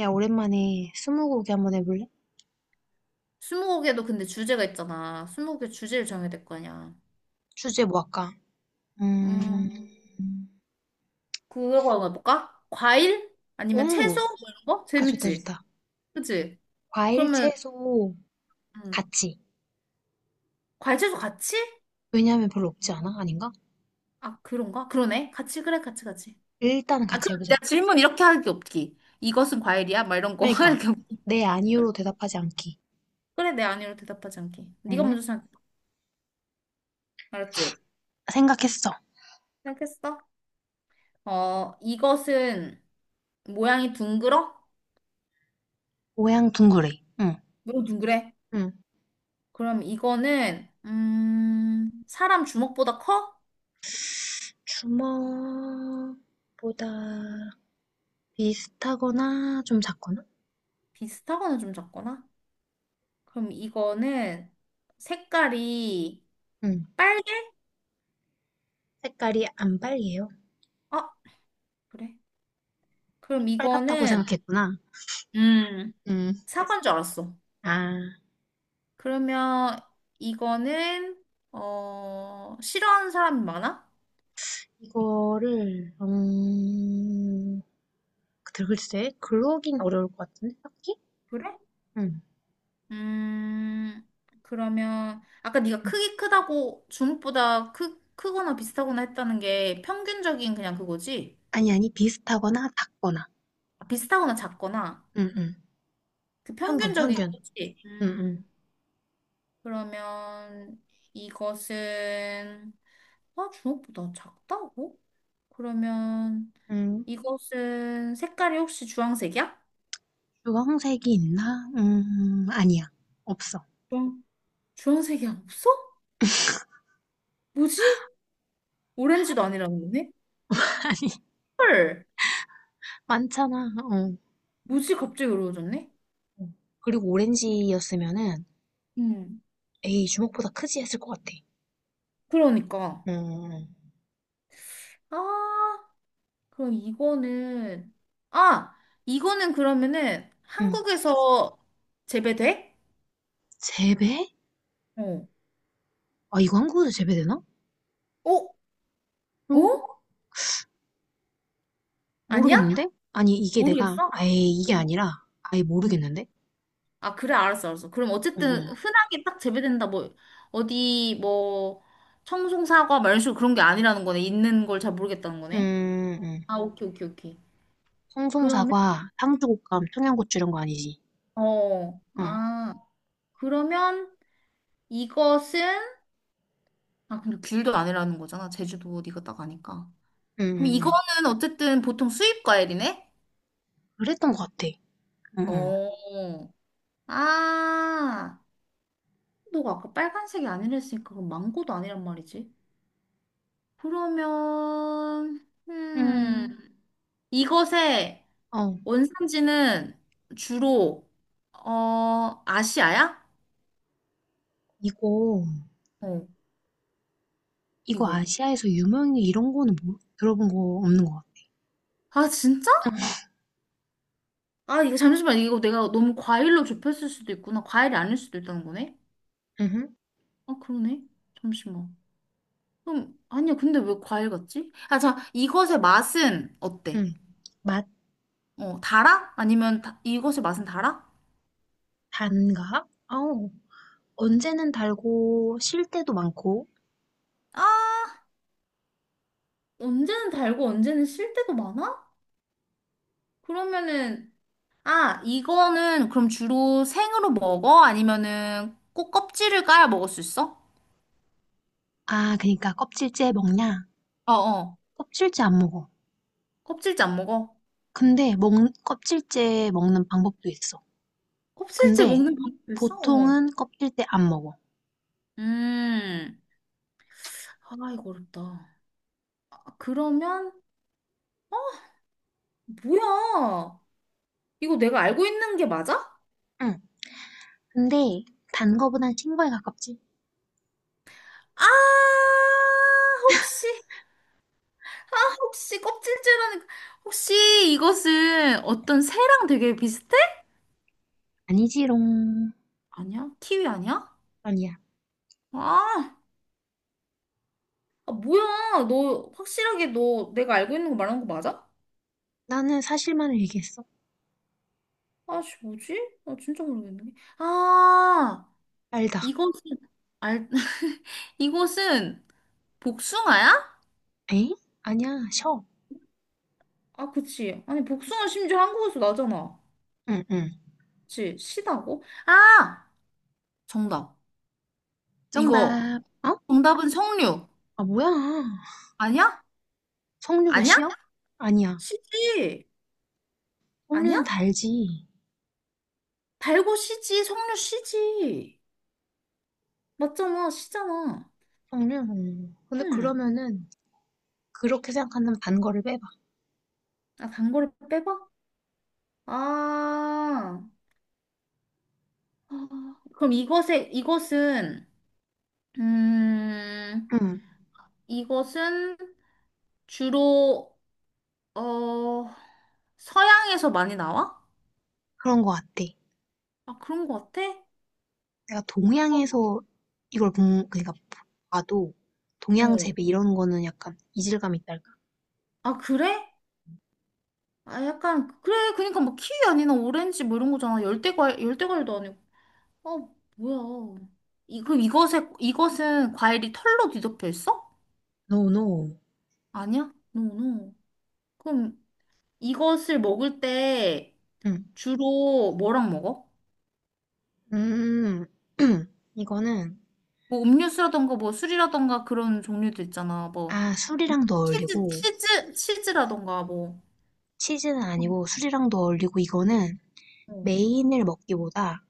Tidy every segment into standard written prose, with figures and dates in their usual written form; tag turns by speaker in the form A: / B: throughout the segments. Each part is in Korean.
A: 야, 오랜만에 스무고개 한번 해볼래?
B: 스무고개도 근데 주제가 있잖아. 스무고개 주제를 정해야 될 거 아니야.
A: 주제 뭐 할까? 음,
B: 음, 그거 한번 해볼까? 과일?
A: 오,
B: 아니면 채소? 뭐 이런 거?
A: 좋다,
B: 재밌지?
A: 좋다.
B: 그치?
A: 과일,
B: 그러면,
A: 채소,
B: 음,
A: 같이.
B: 과일 채소 같이?
A: 왜냐하면 별로 없지 않아? 아닌가?
B: 아, 그런가? 그러네. 같이, 그래, 같이, 같이.
A: 일단은
B: 아,
A: 같이
B: 그럼
A: 해보자.
B: 내가 질문 이렇게 할 게 없기. 이것은 과일이야? 막 이런 거
A: 그러니까,
B: 할 게 없기.
A: 네,
B: 그래,
A: 아니요로 대답하지 않기.
B: 그래, 내 아니로 대답하지 않게. 네가
A: 응?
B: 먼저 생각, 알았지?
A: 생각했어.
B: 생각했어? 어, 이것은 모양이 둥글어?
A: 모양 둥그레. 응.
B: 너무 둥그래?
A: 응.
B: 그럼 이거는, 사람 주먹보다 커?
A: 주먹보다 비슷하거나 좀 작거나?
B: 비슷하거나 좀 작거나? 그럼 이거는 색깔이
A: 응.
B: 빨개?
A: 색깔이 안 빨개요.
B: 아, 그래. 그럼
A: 빨갛다고
B: 이거는,
A: 생각했구나.
B: 음,
A: 응.
B: 사과인 줄 알았어.
A: 아.
B: 그러면 이거는, 어, 싫어하는 사람이 많아?
A: 이거를 글쎄 글로긴 어려울 것 같은데 딱히?
B: 그래?
A: 응.
B: 음, 그러면, 아까 네가
A: 응.
B: 크기 크다고 주먹보다 크, 크거나 비슷하거나 했다는 게 평균적인 그냥 그거지?
A: 아니, 아니, 비슷하거나 같거나.
B: 아, 비슷하거나 작거나.
A: 응, 응.
B: 그
A: 편견,
B: 평균적인
A: 편견.
B: 거지.
A: 응, 응.
B: 음. 그러면 이것은 아, 주먹보다 작다고? 그러면
A: 음,
B: 이것은 색깔이 혹시 주황색이야?
A: 주황색이 있나? 아니야. 없어.
B: 주황, 주황색이 없어? 뭐지? 오렌지도 아니라는 거네?
A: 아니,
B: 헐,
A: 많잖아. 어.
B: 뭐지? 갑자기 어려워졌네?
A: 어. 그리고 오렌지였으면은,
B: 음,
A: 에이, 주먹보다 크지 했을 것 같아.
B: 그러니까.
A: 응, 응.
B: 아, 그럼 이거는, 아, 이거는 그러면은
A: 응.
B: 한국에서 재배돼?
A: 재배?
B: 어.
A: 아, 이거 한국에도 재배되나?
B: 어?
A: 이거
B: 어? 아니야?
A: 모르겠는데? 아니, 이게 내가
B: 모르겠어?
A: 아예 이게
B: 어.
A: 아니라 아예
B: 응.
A: 모르겠는데?
B: 아, 그래, 알았어, 알았어. 그럼
A: 응,
B: 어쨌든
A: 응.
B: 흔하게 딱 재배된다, 뭐, 어디, 뭐, 청송사과, 막 이런 식으로 그런 게 아니라는 거네. 있는 걸 잘 모르겠다는 거네.
A: 음, 음.
B: 아, 오케이, 오케이, 오케이. 그러면,
A: 송송사과, 상주곶감, 청양고추 이런 거 아니지?
B: 어,
A: 응,
B: 아, 그러면 이것은, 아, 근데 귤도 아니라는 거잖아. 제주도 어디가 딱 아니까.
A: 응,
B: 그럼
A: 응, 응.
B: 이거는 어쨌든 보통 수입 과일이네?
A: 그랬던 것 같아. 응, 응.
B: 어, 아, 너가 아까 빨간색이 아니랬으니까 그럼 망고도 아니란 말이지. 그러면,
A: 음,
B: 이것의
A: 어,
B: 원산지는 주로, 어, 아시아야?
A: 이거,
B: 어,
A: 이거
B: 이거.
A: 아시아에서 유명해 이런 거는 뭐, 들어본 거 없는 것 같아.
B: 아, 진짜? 아, 이거 잠시만. 이거 내가 너무 과일로 좁혔을 수도 있구나. 과일이 아닐 수도 있다는 거네?
A: 응,
B: 아, 그러네. 잠시만. 그럼, 아니야. 근데 왜 과일 같지? 아, 자, 이것의 맛은 어때?
A: 응. 맛,
B: 어, 달아? 아니면 다, 이것의 맛은 달아?
A: 단가? 어우 언제는 달고, 실 때도 많고.
B: 아, 언제는 달고 언제는 실 때도 많아? 그러면은, 아, 이거는 그럼 주로 생으로 먹어? 아니면은 꼭 껍질을 까야 먹을 수 있어?
A: 아, 그니까 껍질째 먹냐?
B: 어, 어.
A: 껍질째 안 먹어.
B: 껍질째 안 먹어?
A: 근데 먹, 껍질째 먹는 방법도 있어.
B: 껍질째
A: 근데
B: 먹는 방법도 있어? 어.
A: 보통은 껍질째 안 먹어.
B: 음. 아, 이거 어렵다. 아, 그러면, 뭐야? 이거 내가 알고 있는 게 맞아?
A: 응. 근데 단 거보단 신 거에 가깝지?
B: 아, 혹시, 아, 혹시 껍질째라는, 거- 혹시 이것은 어떤 새랑 되게 비슷해?
A: 아니지롱.
B: 아니야? 키위 아니야?
A: 아니야.
B: 아. 아, 뭐야. 너 확실하게 너 내가 알고 있는 거 말하는 거 맞아?
A: 나는 사실만을 얘기했어.
B: 아씨, 뭐지? 아, 진짜 모르겠네. 아,
A: 알다.
B: 이것은 알 이것은 복숭아야?
A: 에? 아니야. 셔.
B: 아, 그치. 아니, 복숭아 심지어 한국에서 나잖아.
A: 응, 응.
B: 그치? 시다고? 아, 정답. 이거
A: 정답. 어?
B: 정답은 석류.
A: 아, 뭐야.
B: 아니야?
A: 석류가
B: 아니야?
A: 쉬어? 아니야.
B: 시지.
A: 석류는
B: 아니야?
A: 달지.
B: 달고 시지, 석류 시지. 맞잖아, 시잖아.
A: 석류. 응. 근데
B: 응.
A: 그러면은 그렇게 생각한다면 단 거를 빼봐.
B: 아, 단 거를 빼봐. 아. 아, 그럼 이것에, 이것은, 음,
A: 응.
B: 이것은 주로, 어, 서양에서 많이 나와?
A: 그런 거 같아.
B: 아, 그런 것 같아?
A: 내가
B: 어,
A: 동양에서 이걸 본 그러니까 봐도 동양
B: 어.
A: 재배 이런 거는 약간 이질감이 있달까?
B: 아, 그래? 아, 약간, 그래. 그러니까 뭐 키위 아니나 오렌지 뭐 이런 거잖아. 열대과일, 열대과일도 아니고. 어, 뭐야. 이, 그럼 이것에, 이것은 과일이 털로 뒤덮여 있어?
A: No, no.
B: 아니야? 노노. 그럼 이것을 먹을 때
A: 응.
B: 주로 뭐랑 먹어?
A: 음, 이거는,
B: 뭐 음료수라던가 뭐 술이라던가 그런 종류도 있잖아. 뭐
A: 아, 술이랑도
B: 치즈
A: 어울리고,
B: 치즈 치즈라던가 뭐
A: 치즈는 아니고 술이랑도 어울리고, 이거는
B: 어,
A: 메인을 먹기보다,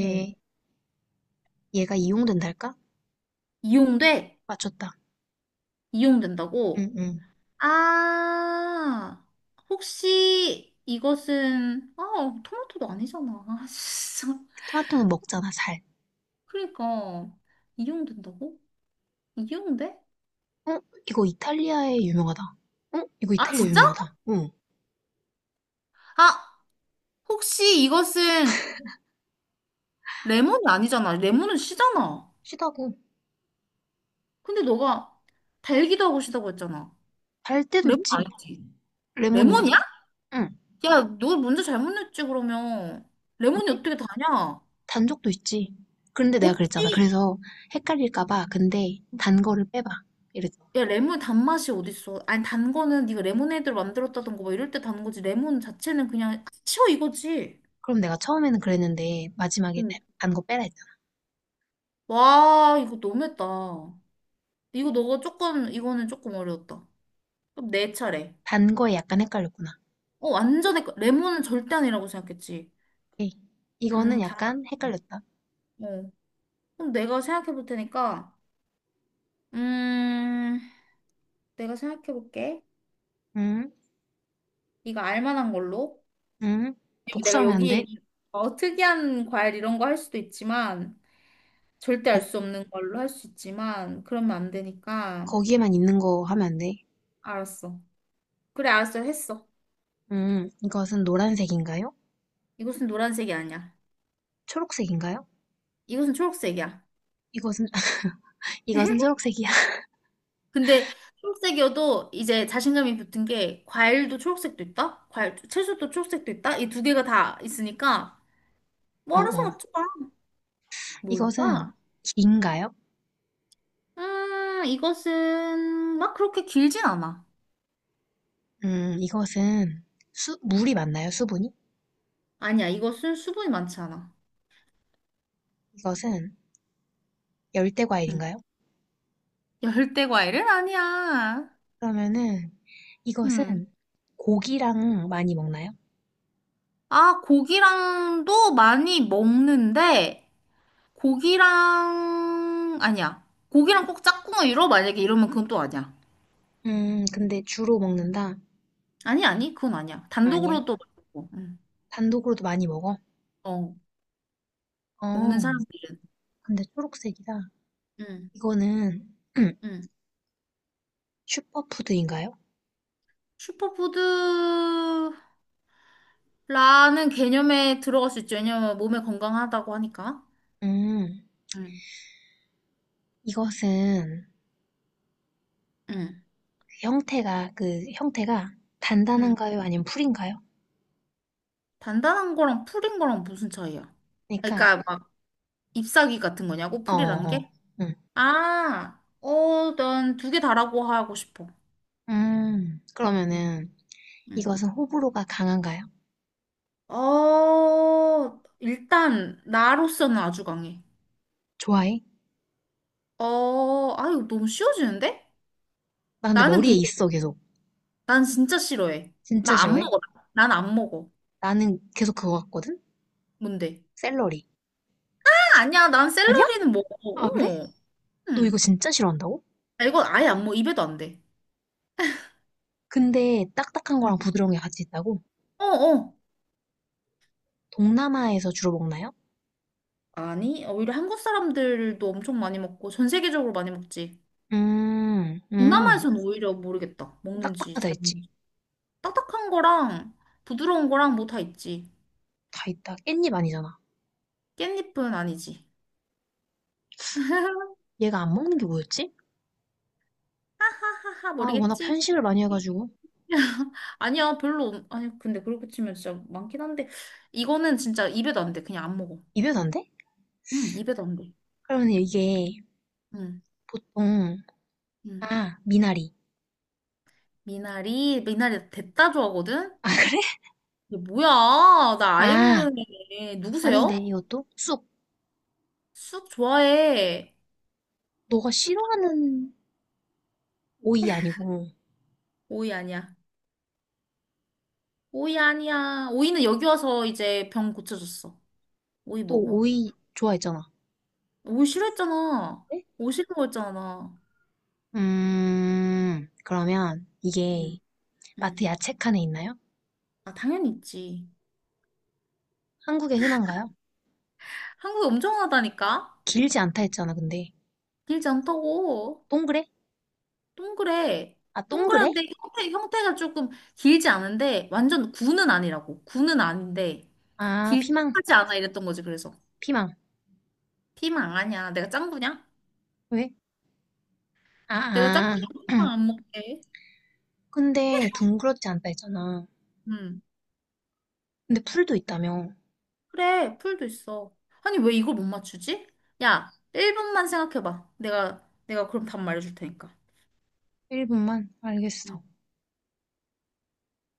B: 어.
A: 얘가 이용된달까?
B: 이용돼?
A: 맞췄다. 응,
B: 이용된다고?
A: 응.
B: 아, 혹시 이것은 아, 토마토도 아니잖아. 아, 진짜.
A: 토마토는 먹잖아, 잘.
B: 그러니까 이용된다고? 이용돼?
A: 어? 이거 이탈리아에 유명하다. 어? 이거
B: 아,
A: 이탈리아
B: 진짜?
A: 유명하다. 응.
B: 아, 혹시 이것은 레몬이 아니잖아. 레몬은 씨잖아.
A: 시다고.
B: 근데 너가 달기도 하고 시다고 했잖아.
A: 달 때도
B: 레몬
A: 있지.
B: 아니지?
A: 레몬이야.
B: 레몬이야?
A: 응.
B: 야, 너 문제 잘못 냈지, 그러면. 레몬이
A: 왜?
B: 어떻게 다냐?
A: 단적도 있지. 그런데 내가 그랬잖아.
B: 없지.
A: 그래서 헷갈릴까 봐 근데 단 거를 빼봐. 이랬죠.
B: 야, 레몬 단맛이 어딨어. 아니, 단 거는 네가 레모네이드를 만들었다던가 뭐 이럴 때 단 거지. 레몬 자체는 그냥 치워 이거지.
A: 그럼 내가 처음에는 그랬는데 마지막에
B: 응.
A: 단거 빼라 했잖아.
B: 와, 이거 너무했다. 이거 너가 조금, 이거는 조금 어려웠다. 그럼 내 차례.
A: 단 거에 약간 헷갈렸구나.
B: 어, 완전히, 거- 레몬은 절대 아니라고 생각했지.
A: 오케이. 이거는
B: 당, 당,
A: 약간 헷갈렸다.
B: 어. 그럼 내가 생각해 볼 테니까, 음, 내가 생각해 볼게.
A: 음,
B: 네가 알 만한 걸로.
A: 음.
B: 내가
A: 복수하면 안
B: 여기에
A: 돼.
B: 있는 어, 특이한 과일 이런 거 할 수도 있지만 절대 알
A: 거,
B: 수 없는 걸로 할 수 있지만 그러면 안 되니까
A: 거기에만 있는 거 하면 안 돼.
B: 알았어. 그래 알았어 했어.
A: 이것은 노란색인가요?
B: 이것은 노란색이 아니야.
A: 초록색인가요?
B: 이것은 초록색이야.
A: 이것은 이것은 초록색이야.
B: 근데 초록색이어도 이제 자신감이 붙은 게 과일도 초록색도 있다. 과일 채소도 초록색도 있다. 이 두 개가 다 있으니까 뭐
A: 어,
B: 알아서
A: 어.
B: 맞춰봐.
A: 이것은
B: 뭘까?
A: 긴가요?
B: 이것은 막 그렇게 길진 않아.
A: 이것은 물이 맞나요? 수분이?
B: 아니야 이것은 수분이 많지 않아.
A: 이것은 열대
B: 음.
A: 과일인가요?
B: 열대 과일은 아니야.
A: 그러면은
B: 음.
A: 이것은 고기랑 많이 먹나요?
B: 아, 고기랑도 많이 먹는데, 고기랑, 아니야. 고기랑 꼭 짝꿍을 이뤄? 만약에 이러면 그건 또 아니야.
A: 근데 주로 먹는다?
B: 아니, 아니, 그건 아니야.
A: 아니야.
B: 단독으로도 먹고,
A: 단독으로도 많이 먹어?
B: 어,
A: 어,
B: 먹는 사람들은.
A: 근데 초록색이다.
B: 음,
A: 이거는
B: 음.
A: 슈퍼푸드인가요?
B: 슈퍼푸드라는 개념에 들어갈 수 있죠. 왜냐면 몸에 건강하다고 하니까.
A: 음,
B: 음,
A: 이것은
B: 음,
A: 형태가
B: 음.
A: 단단한가요? 아니면 풀인가요?
B: 단단한 거랑 풀인 거랑 무슨 차이야? 그러니까
A: 그러니까
B: 막 잎사귀 같은 거냐고?
A: 어,
B: 풀이라는
A: 어,
B: 게?
A: 응.
B: 아, 어, 난 두 개 다라고 하고 싶어. 응,
A: 그러면은
B: 응.
A: 이것은 호불호가 강한가요?
B: 어, 일단, 나로서는 아주 강해.
A: 좋아해?
B: 어, 아유, 너무 쉬워지는데?
A: 나 근데
B: 나는
A: 머리에
B: 근데,
A: 있어 계속.
B: 난 진짜 싫어해.
A: 진짜
B: 나 안
A: 싫어해?
B: 먹어. 난 안 먹어.
A: 나는 계속 그거 같거든?
B: 뭔데?
A: 샐러리.
B: 아, 아니야, 난
A: 아니야?
B: 샐러리는 먹어.
A: 아, 그래?
B: 어머.
A: 너 이거
B: 응.
A: 진짜 싫어한다고?
B: 아, 이건 아예 안 먹어. 입에도 안 돼.
A: 근데 딱딱한 거랑
B: 응.
A: 부드러운 게 같이 있다고?
B: 어, 어.
A: 동남아에서 주로 먹나요?
B: 아니, 어, 오히려 한국 사람들도 엄청 많이 먹고, 전 세계적으로 많이 먹지.
A: 음, 음.
B: 동남아에서는 오히려 모르겠다. 먹는지
A: 딱딱하다
B: 잘
A: 했지.
B: 모르지. 딱딱한 거랑 부드러운 거랑 뭐 다 있지.
A: 다 있다. 깻잎 아니잖아.
B: 깻잎은 아니지.
A: 얘가 안 먹는 게 뭐였지?
B: 하하하
A: 아, 워낙
B: 모르겠지.
A: 편식을 많이
B: 모르겠지.
A: 해가지고.
B: 아니야 별로 없- 아니 근데 그렇게 치면 진짜 많긴 한데 이거는 진짜 입에도 안 돼. 그냥 안 먹어.
A: 입에도 안 돼?
B: 응 입에도 안 돼.
A: 그러면 이게
B: 응.
A: 보통,
B: 응.
A: 아, 미나리.
B: 미나리 미나리 됐다 좋아하거든.
A: 아, 그래?
B: 이게 뭐야? 나 아예
A: 아,
B: 모르는 애.
A: 아닌데,
B: 누구세요?
A: 이것도? 쑥.
B: 쑥 좋아해.
A: 너가
B: 쑥
A: 싫어하는 오이 아니고,
B: 오이 아니야. 오이 아니야. 오이는 여기 와서 이제 병 고쳐줬어. 오이
A: 또
B: 먹어.
A: 오이 좋아했잖아.
B: 오이 싫어했잖아.
A: 네?
B: 오이 싫은 거였잖아.
A: 그러면
B: 응,
A: 이게 마트
B: 응.
A: 야채 칸에 있나요?
B: 아, 당연히 있지.
A: 한국에 흔한가요?
B: 한국이 엄청 하다니까?
A: 길지 않다 했잖아, 근데.
B: 길지 않다고.
A: 동그래?
B: 동그래.
A: 아, 동그래?
B: 동그란데 형태, 형태가 조금 길지 않은데, 완전 구는 아니라고. 구는 아닌데,
A: 아,
B: 길
A: 피망,
B: 하지 않아 이랬던 거지, 그래서.
A: 피망.
B: 피망 아니야. 내가 짱구냐?
A: 왜? 아,
B: 내가 짱구냐?
A: 아.
B: 피망 안 먹게.
A: 근데 둥그렇지 않다 했잖아.
B: 응.
A: 근데 풀도 있다며.
B: 그래, 풀도 있어. 아니, 왜 이걸 못 맞추지? 야, 1분만 생각해봐. 내가 그럼 답 말해줄 테니까.
A: 1분만? 알겠어.